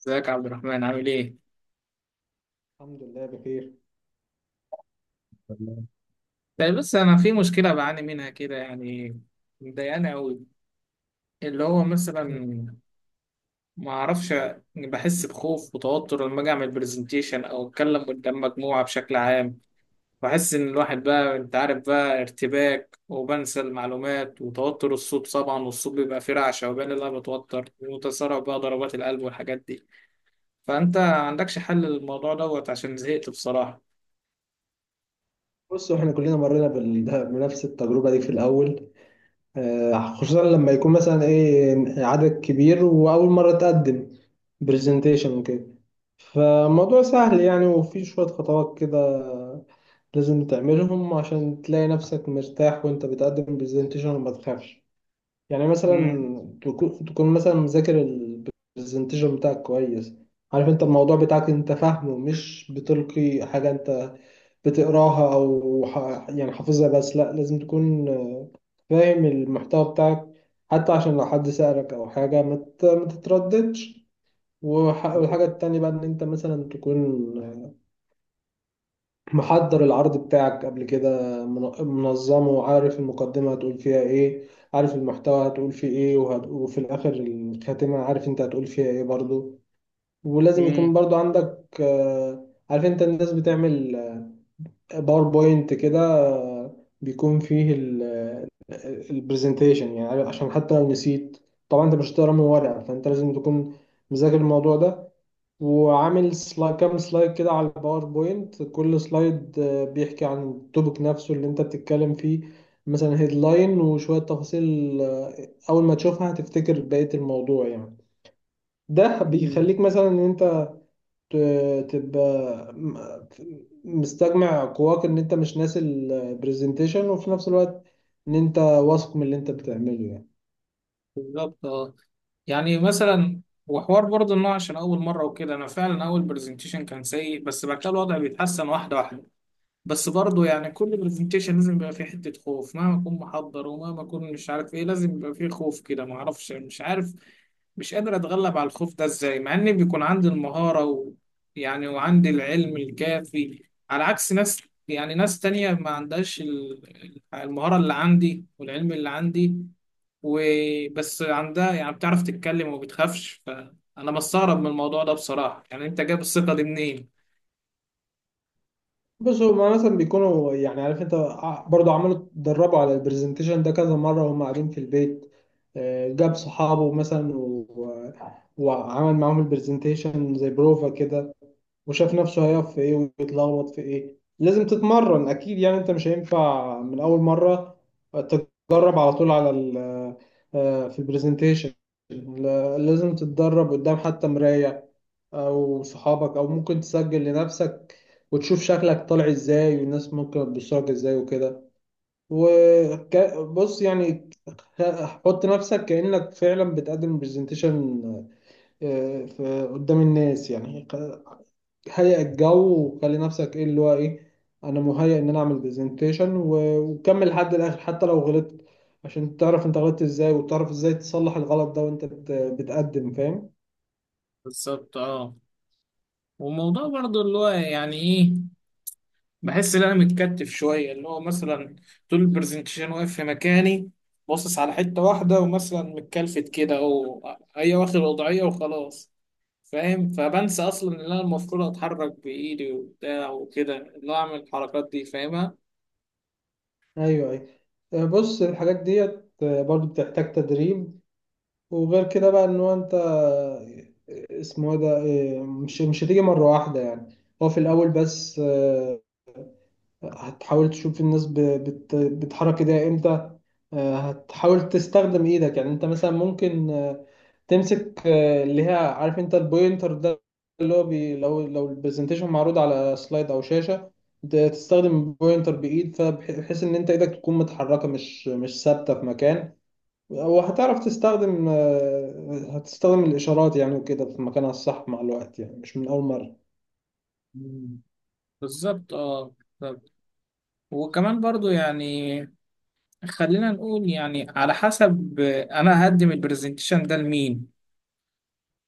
ازيك يا عبد الرحمن؟ عامل ايه؟ الحمد لله بخير. تمام. طيب بص، انا في مشكله بعاني منها كده، يعني مضايقاني قوي. اللي هو مثلا، ما اعرفش، بحس بخوف وتوتر لما اجي اعمل برزنتيشن او اتكلم قدام مجموعه بشكل عام. بحس ان الواحد بقى، انت عارف بقى، ارتباك وبنسى المعلومات وتوتر الصوت طبعا، والصوت بيبقى فيه رعشه، وبالي اللي انا بتوتر، وتسارع بقى ضربات القلب والحاجات دي. فانت عندكش حل للموضوع دوت؟ عشان زهقت بصراحه. بصوا احنا كلنا مرينا بال- بنفس التجربة دي في الأول، خصوصا لما يكون مثلا ايه عدد كبير وأول مرة تقدم برزنتيشن وكده. فالموضوع سهل يعني، وفي شوية خطوات كده لازم تعملهم عشان تلاقي نفسك مرتاح وانت بتقدم برزنتيشن وما تخافش. يعني مثلا مم. تكون مثلا مذاكر البرزنتيشن بتاعك كويس. عارف انت الموضوع بتاعك، انت فاهمه، مش بتلقي حاجة انت بتقراها او يعني حافظها، بس لا لازم تكون فاهم المحتوى بتاعك حتى عشان لو حد سألك او حاجة ما تترددش. والحاجة التانية بقى ان انت مثلا تكون محضر العرض بتاعك قبل كده، من- منظمه، وعارف المقدمة هتقول فيها ايه، عارف المحتوى هتقول فيه ايه وفي الاخر الخاتمة عارف انت هتقول فيها ايه برضو. ولازم مم. يكون برضو عندك عارف انت الناس بتعمل باوربوينت كده، بيكون فيه البرزنتيشن يعني، عشان حتى لو نسيت طبعا انت مش هتقرا من ورقه، فانت لازم تكون مذاكر الموضوع ده، وعامل سلايد كام سلايد كده على الباوربوينت. كل سلايد بيحكي عن التوبيك نفسه اللي انت بتتكلم فيه، مثلا هيدلاين وشوية تفاصيل. أول ما تشوفها هتفتكر بقية الموضوع يعني. ده مم. بيخليك مثلا إن أنت تبقى م- مستجمع قواك، ان انت مش ناسي البرزنتيشن، وفي نفس الوقت ان انت واثق من اللي انت بتعمله يعني. بالظبط اه. يعني مثلا وحوار برضه، انه عشان اول مره وكده، انا فعلا اول برزنتيشن كان سيء، بس بعد كده الوضع بيتحسن واحده واحده. بس برضه يعني كل برزنتيشن لازم يبقى فيه حته خوف، مهما اكون محضر ومهما اكون مش عارف ايه لازم يبقى فيه خوف كده. ما اعرفش، مش عارف، مش قادر اتغلب على الخوف ده ازاي، مع ان بيكون عندي المهارة و... يعني وعندي العلم الكافي، على عكس ناس، يعني ناس تانية ما عندهاش المهارة اللي عندي والعلم اللي عندي، وبس عندها يعني بتعرف تتكلم وما بتخافش. فانا بستغرب من الموضوع ده بصراحة، يعني انت جايب الثقة دي منين؟ بص هما مثلا بيكونوا، يعني عارف انت، برضو عملوا، اتدربوا على البرزنتيشن ده كذا مرة وهم قاعدين في البيت. جاب صحابه مثلا وعمل معاهم البرزنتيشن زي بروفا كده، وشاف نفسه هيقف في ايه ويتلخبط في ايه. لازم تتمرن اكيد يعني، انت مش هينفع من اول مره تتدرب على طول على ال آه، في البرزنتيشن. لازم تتدرب قدام حتى مرايه او صحابك، او ممكن تسجل لنفسك وتشوف شكلك طالع ازاي والناس ممكن تبصلك ازاي وكده. وبص يعني، حط نفسك كأنك فعلا بتقدم برزنتيشن قدام الناس يعني، هيئ الجو وخلي نفسك ايه اللي هو ايه، انا مهيئ ان انا اعمل برزنتيشن، وكمل لحد الاخر حتى لو غلطت. عشان تعرف انت غلطت ازاي، وتعرف ازاي تصلح الغلط ده وانت بتقدم، فاهم. بالظبط اه. والموضوع برضو اللي هو يعني ايه، بحس ان انا متكتف شويه. اللي هو مثلا طول البرزنتيشن واقف في مكاني، باصص على حته واحده، ومثلا متكلفت كده، او هي واخد وضعيه وخلاص، فاهم؟ فبنسى اصلا ان انا المفروض اتحرك بايدي وبتاع وكده، اللي هو اعمل الحركات دي فاهمها. ايوه، ايوه. بص الحاجات ديت برضو بتحتاج تدريب. وغير كده بقى ان هو انت، اسمه إيه ده، مش هتيجي مرة واحدة يعني. هو في الاول بس، هتحاول تشوف الناس بتحرك ايديها امتى. هتحاول تستخدم ايدك، يعني انت مثلا ممكن تمسك اللي هي عارف انت البوينتر ده، اللي هو بي لو لو البرزنتيشن معروض على سلايد او شاشة، تستخدم البوينتر بايد، فبحيث ان انت ايدك تكون متحركة، مش ثابتة في مكان. وهتعرف تستخدم، هتستخدم الاشارات يعني وكده في مكانها الصح مع الوقت يعني، مش من اول مرة. مم. بالظبط اه. بالظبط. وكمان برضو يعني خلينا نقول يعني، على حسب انا هقدم البرزنتيشن ده لمين،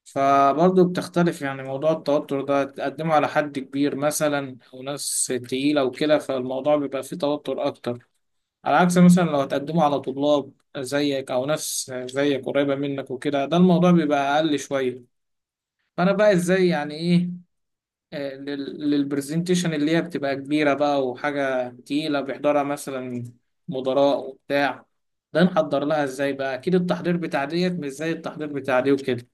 فبرضه بتختلف يعني. موضوع التوتر ده تقدمه على حد كبير مثلا أو ناس تقيلة وكده، فالموضوع بيبقى فيه توتر أكتر، على عكس مثلا لو هتقدمه على طلاب زيك أو ناس زيك قريبة منك وكده، ده الموضوع بيبقى أقل شوية. فأنا بقى إزاي يعني إيه، للبرزنتيشن اللي هي بتبقى كبيرة بقى وحاجة تقيلة بيحضرها مثلا مدراء وبتاع، ده نحضر لها إزاي بقى؟ أكيد التحضير بتاع ديت مش زي التحضير بتاع دي وكده.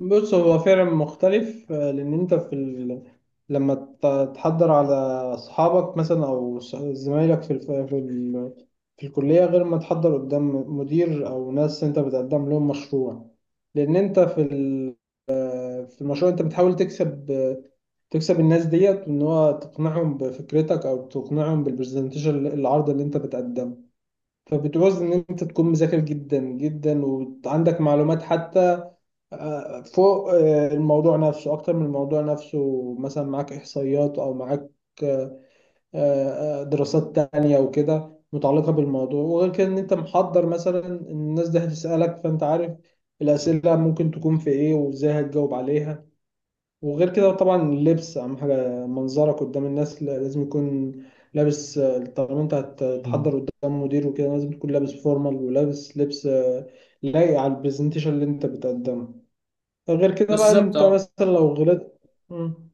بص هو فعلا مختلف، لان انت لما تحضر على اصحابك مثلا، او زمايلك في الف... في ال... في الكليه، غير ما تحضر قدام مدير او ناس انت بتقدم لهم مشروع. لان انت في المشروع انت بتحاول تكسب الناس ديت، ان هو تقنعهم بفكرتك او تقنعهم بالبرزنتيشن، العرض اللي انت بتقدمه. فبتعوز ان انت تكون مذاكر جدا جدا، وعندك معلومات حتى فوق الموضوع نفسه، اكتر من الموضوع نفسه. مثلا معاك احصائيات او معاك آه، دراسات تانية وكده متعلقة بالموضوع. وغير كده ان انت محضر مثلا إن الناس دي هتسألك، فانت عارف الأسئلة ممكن تكون في ايه وازاي هتجاوب عليها. وغير كده طبعا، اللبس اهم حاجة، منظرك قدام الناس، لازم يكون لابس. طالما انت مم. هتتحضر قدام مدير وكده، لازم تكون لابس فورمال، ولابس لبس لايق على البرزنتيشن اللي انت بتقدمه. غير كده بقى بالظبط انت اه. مثلا لو غلطت. مم.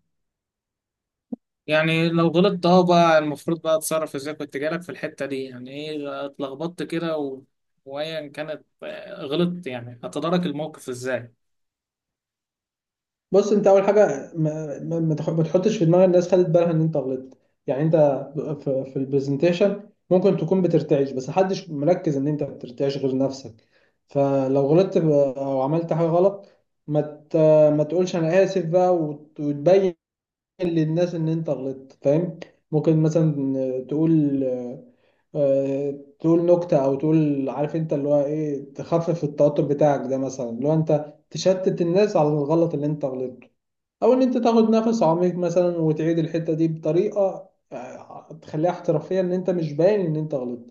يعني لو غلطت اه، بقى المفروض بقى اتصرف ازاي؟ كنت جالك في الحتة دي، يعني ايه اتلخبطت كده و... وايا كانت غلطت، يعني هتدارك الموقف ازاي؟ بص، انت اول حاجه، ما تحطش في دماغ الناس، خدت بالها ان انت غلطت. يعني انت في البرزنتيشن ممكن تكون بترتعش، بس محدش مركز ان انت بترتعش غير نفسك. فلو غلطت او عملت حاجه غلط، ما ت- ما تقولش انا اسف بقى، وتبين للناس ان انت غلطت، فاهم. ممكن مثلا تقول تقول نكتة، او تقول عارف انت اللي هو ايه، تخفف التوتر بتاعك ده، مثلا اللي هو انت تشتت الناس على الغلط اللي انت غلطته. او ان انت تاخد نفس عميق مثلا، وتعيد الحتة دي بطريقة تخليها احترافية، ان انت مش باين ان انت غلطت.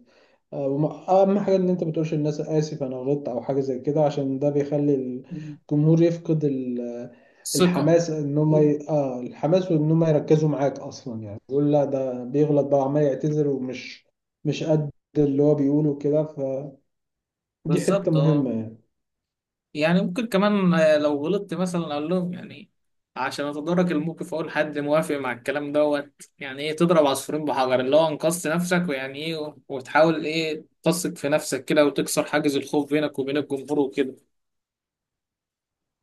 اهم حاجه ان انت ما تقولش للناس اسف انا غلطت، او حاجه زي كده، عشان ده بيخلي مم. الجمهور يفقد ثقة. الحماس، ان هم ي... اه الحماس، وان هم يركزوا معاك اصلا يعني. يقول لا ده بيغلط بقى، عمال يعتذر، ومش مش قد اللي هو بيقوله كده، فدي حته بالظبط اه. مهمه يعني. يعني ممكن كمان، لو غلطت مثلا اقول لهم، يعني عشان اتدارك الموقف اقول حد موافق مع الكلام دوت. يعني ايه تضرب عصفورين بحجر، اللي هو انقذت نفسك ويعني ايه، وتحاول ايه تثق في نفسك كده، وتكسر حاجز الخوف بينك وبين الجمهور وكده.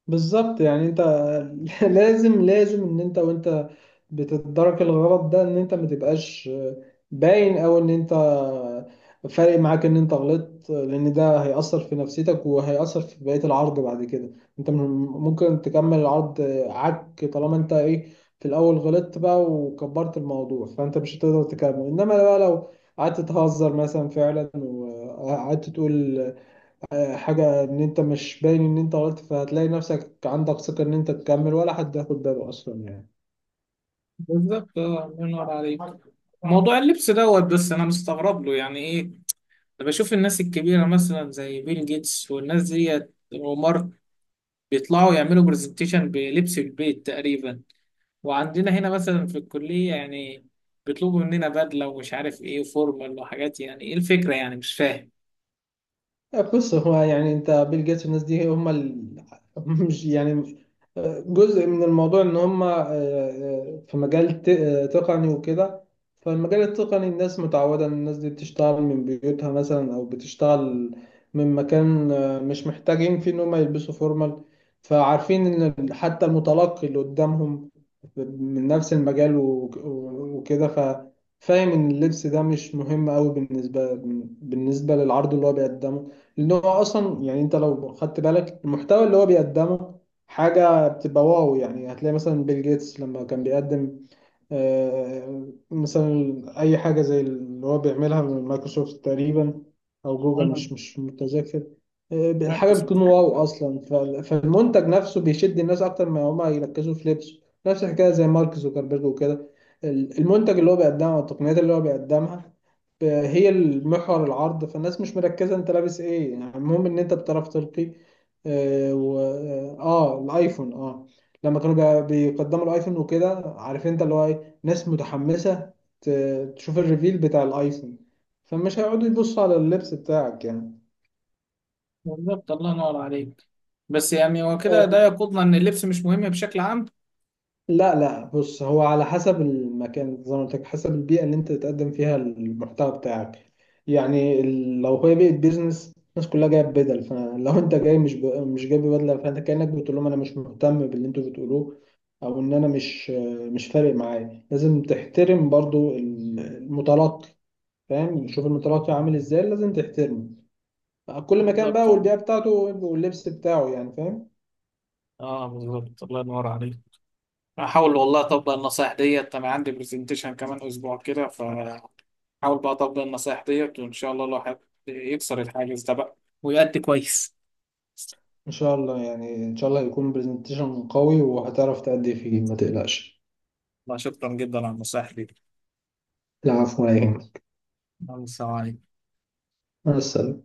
بالظبط، يعني انت لازم ان انت وانت بتتدرك الغلط ده، ان انت ما تبقاش باين، او ان انت فارق معاك ان انت غلطت، لان ده هيأثر في نفسيتك وهيأثر في بقية العرض بعد كده. انت ممكن تكمل العرض، طالما انت ايه، في الاول غلطت بقى وكبرت الموضوع، فانت مش هتقدر تكمل. انما بقى لو قعدت تهزر مثلا فعلا، وقعدت تقول حاجة إن أنت مش باين إن أنت غلطت، فهتلاقي نفسك عندك ثقة إن أنت تكمل، ولا حد هياخد باله أصلا يعني. بالظبط اه، الله ينور عليك. موضوع اللبس دوت بس انا مستغرب له يعني ايه. انا بشوف الناس الكبيره مثلا زي بيل جيتس والناس ديت ومارك، بيطلعوا يعملوا برزنتيشن بلبس البيت تقريبا، وعندنا هنا مثلا في الكليه يعني بيطلبوا مننا بدله ومش عارف ايه وفورمال وحاجات. يعني ايه الفكره يعني، مش فاهم. بص، هو يعني انت بيل جيتس والناس دي، هم مش يعني، جزء من الموضوع ان هم في مجال تقني وكده. فالمجال التقني الناس متعودة ان الناس دي بتشتغل من بيوتها مثلا، او بتشتغل من مكان مش محتاجين فيه ان هم يلبسوا فورمال. فعارفين ان حتى المتلقي اللي قدامهم من نفس المجال وكده، فاهم ان اللبس ده مش مهم قوي، بالنسبة للعرض اللي هو بيقدمه. ان هو اصلا يعني، انت لو خدت بالك المحتوى اللي هو بيقدمه حاجه بتبقى واو يعني. هتلاقي مثلا بيل جيتس لما كان بيقدم، مثلا اي حاجه زي اللي هو بيعملها من مايكروسوفت تقريبا، او جوجل، مم. مش متذكر. الحاجه بتكون واو اصلا، فالمنتج نفسه بيشد الناس اكتر ما هما يركزوا في لبسه. نفس الحكايه زي مارك زوكربيرج وكده، المنتج اللي هو بيقدمه والتقنيات اللي هو بيقدمها هي المحور العرض، فالناس مش مركزة انت لابس ايه، يعني المهم ان انت بتعرف تلقي. اه, و... اه آه، الايفون، لما كانوا بيقدموا الايفون وكده، عارف انت اللي هو ايه، ناس متحمسة تشوف الريفيل بتاع الايفون، فمش هيقعدوا يبصوا على اللبس بتاعك يعني. بالظبط، الله ينور عليك. بس يعني هو كده ده يقودنا ان اللبس مش مهم بشكل عام. لا، لا. بص، هو على حسب المكان زي ما قلت لك، حسب البيئة اللي انت تقدم فيها المحتوى بتاعك. يعني لو هي بيئة بيزنس الناس كلها جاية بدل، فلو انت جاي مش جايب بدلة، فانت كأنك بتقول لهم انا مش مهتم باللي انتوا بتقولوه، او ان انا مش فارق معايا. لازم تحترم برضو المتلقي، فاهم. شوف المتلقي عامل ازاي، لازم تحترمه، كل مكان بقى بالظبط والبيئة بتاعته واللبس بتاعه يعني، فاهم. اه. بالظبط، الله ينور عليك. احاول والله اطبق النصايح ديت، انا عندي برزنتيشن كمان اسبوع كده، فحاول بقى اطبق النصايح ديت، وان شاء الله الواحد يكسر الحاجز ده بقى ويأدي كويس. ان شاء الله يعني، ان شاء الله يكون برزنتيشن قوي، وهتعرف تأدي فيه، ما تقلقش. لا، شكرا جدا على النصايح دي. العفو، ولا يهمك. الله يسلمك. مع السلامة.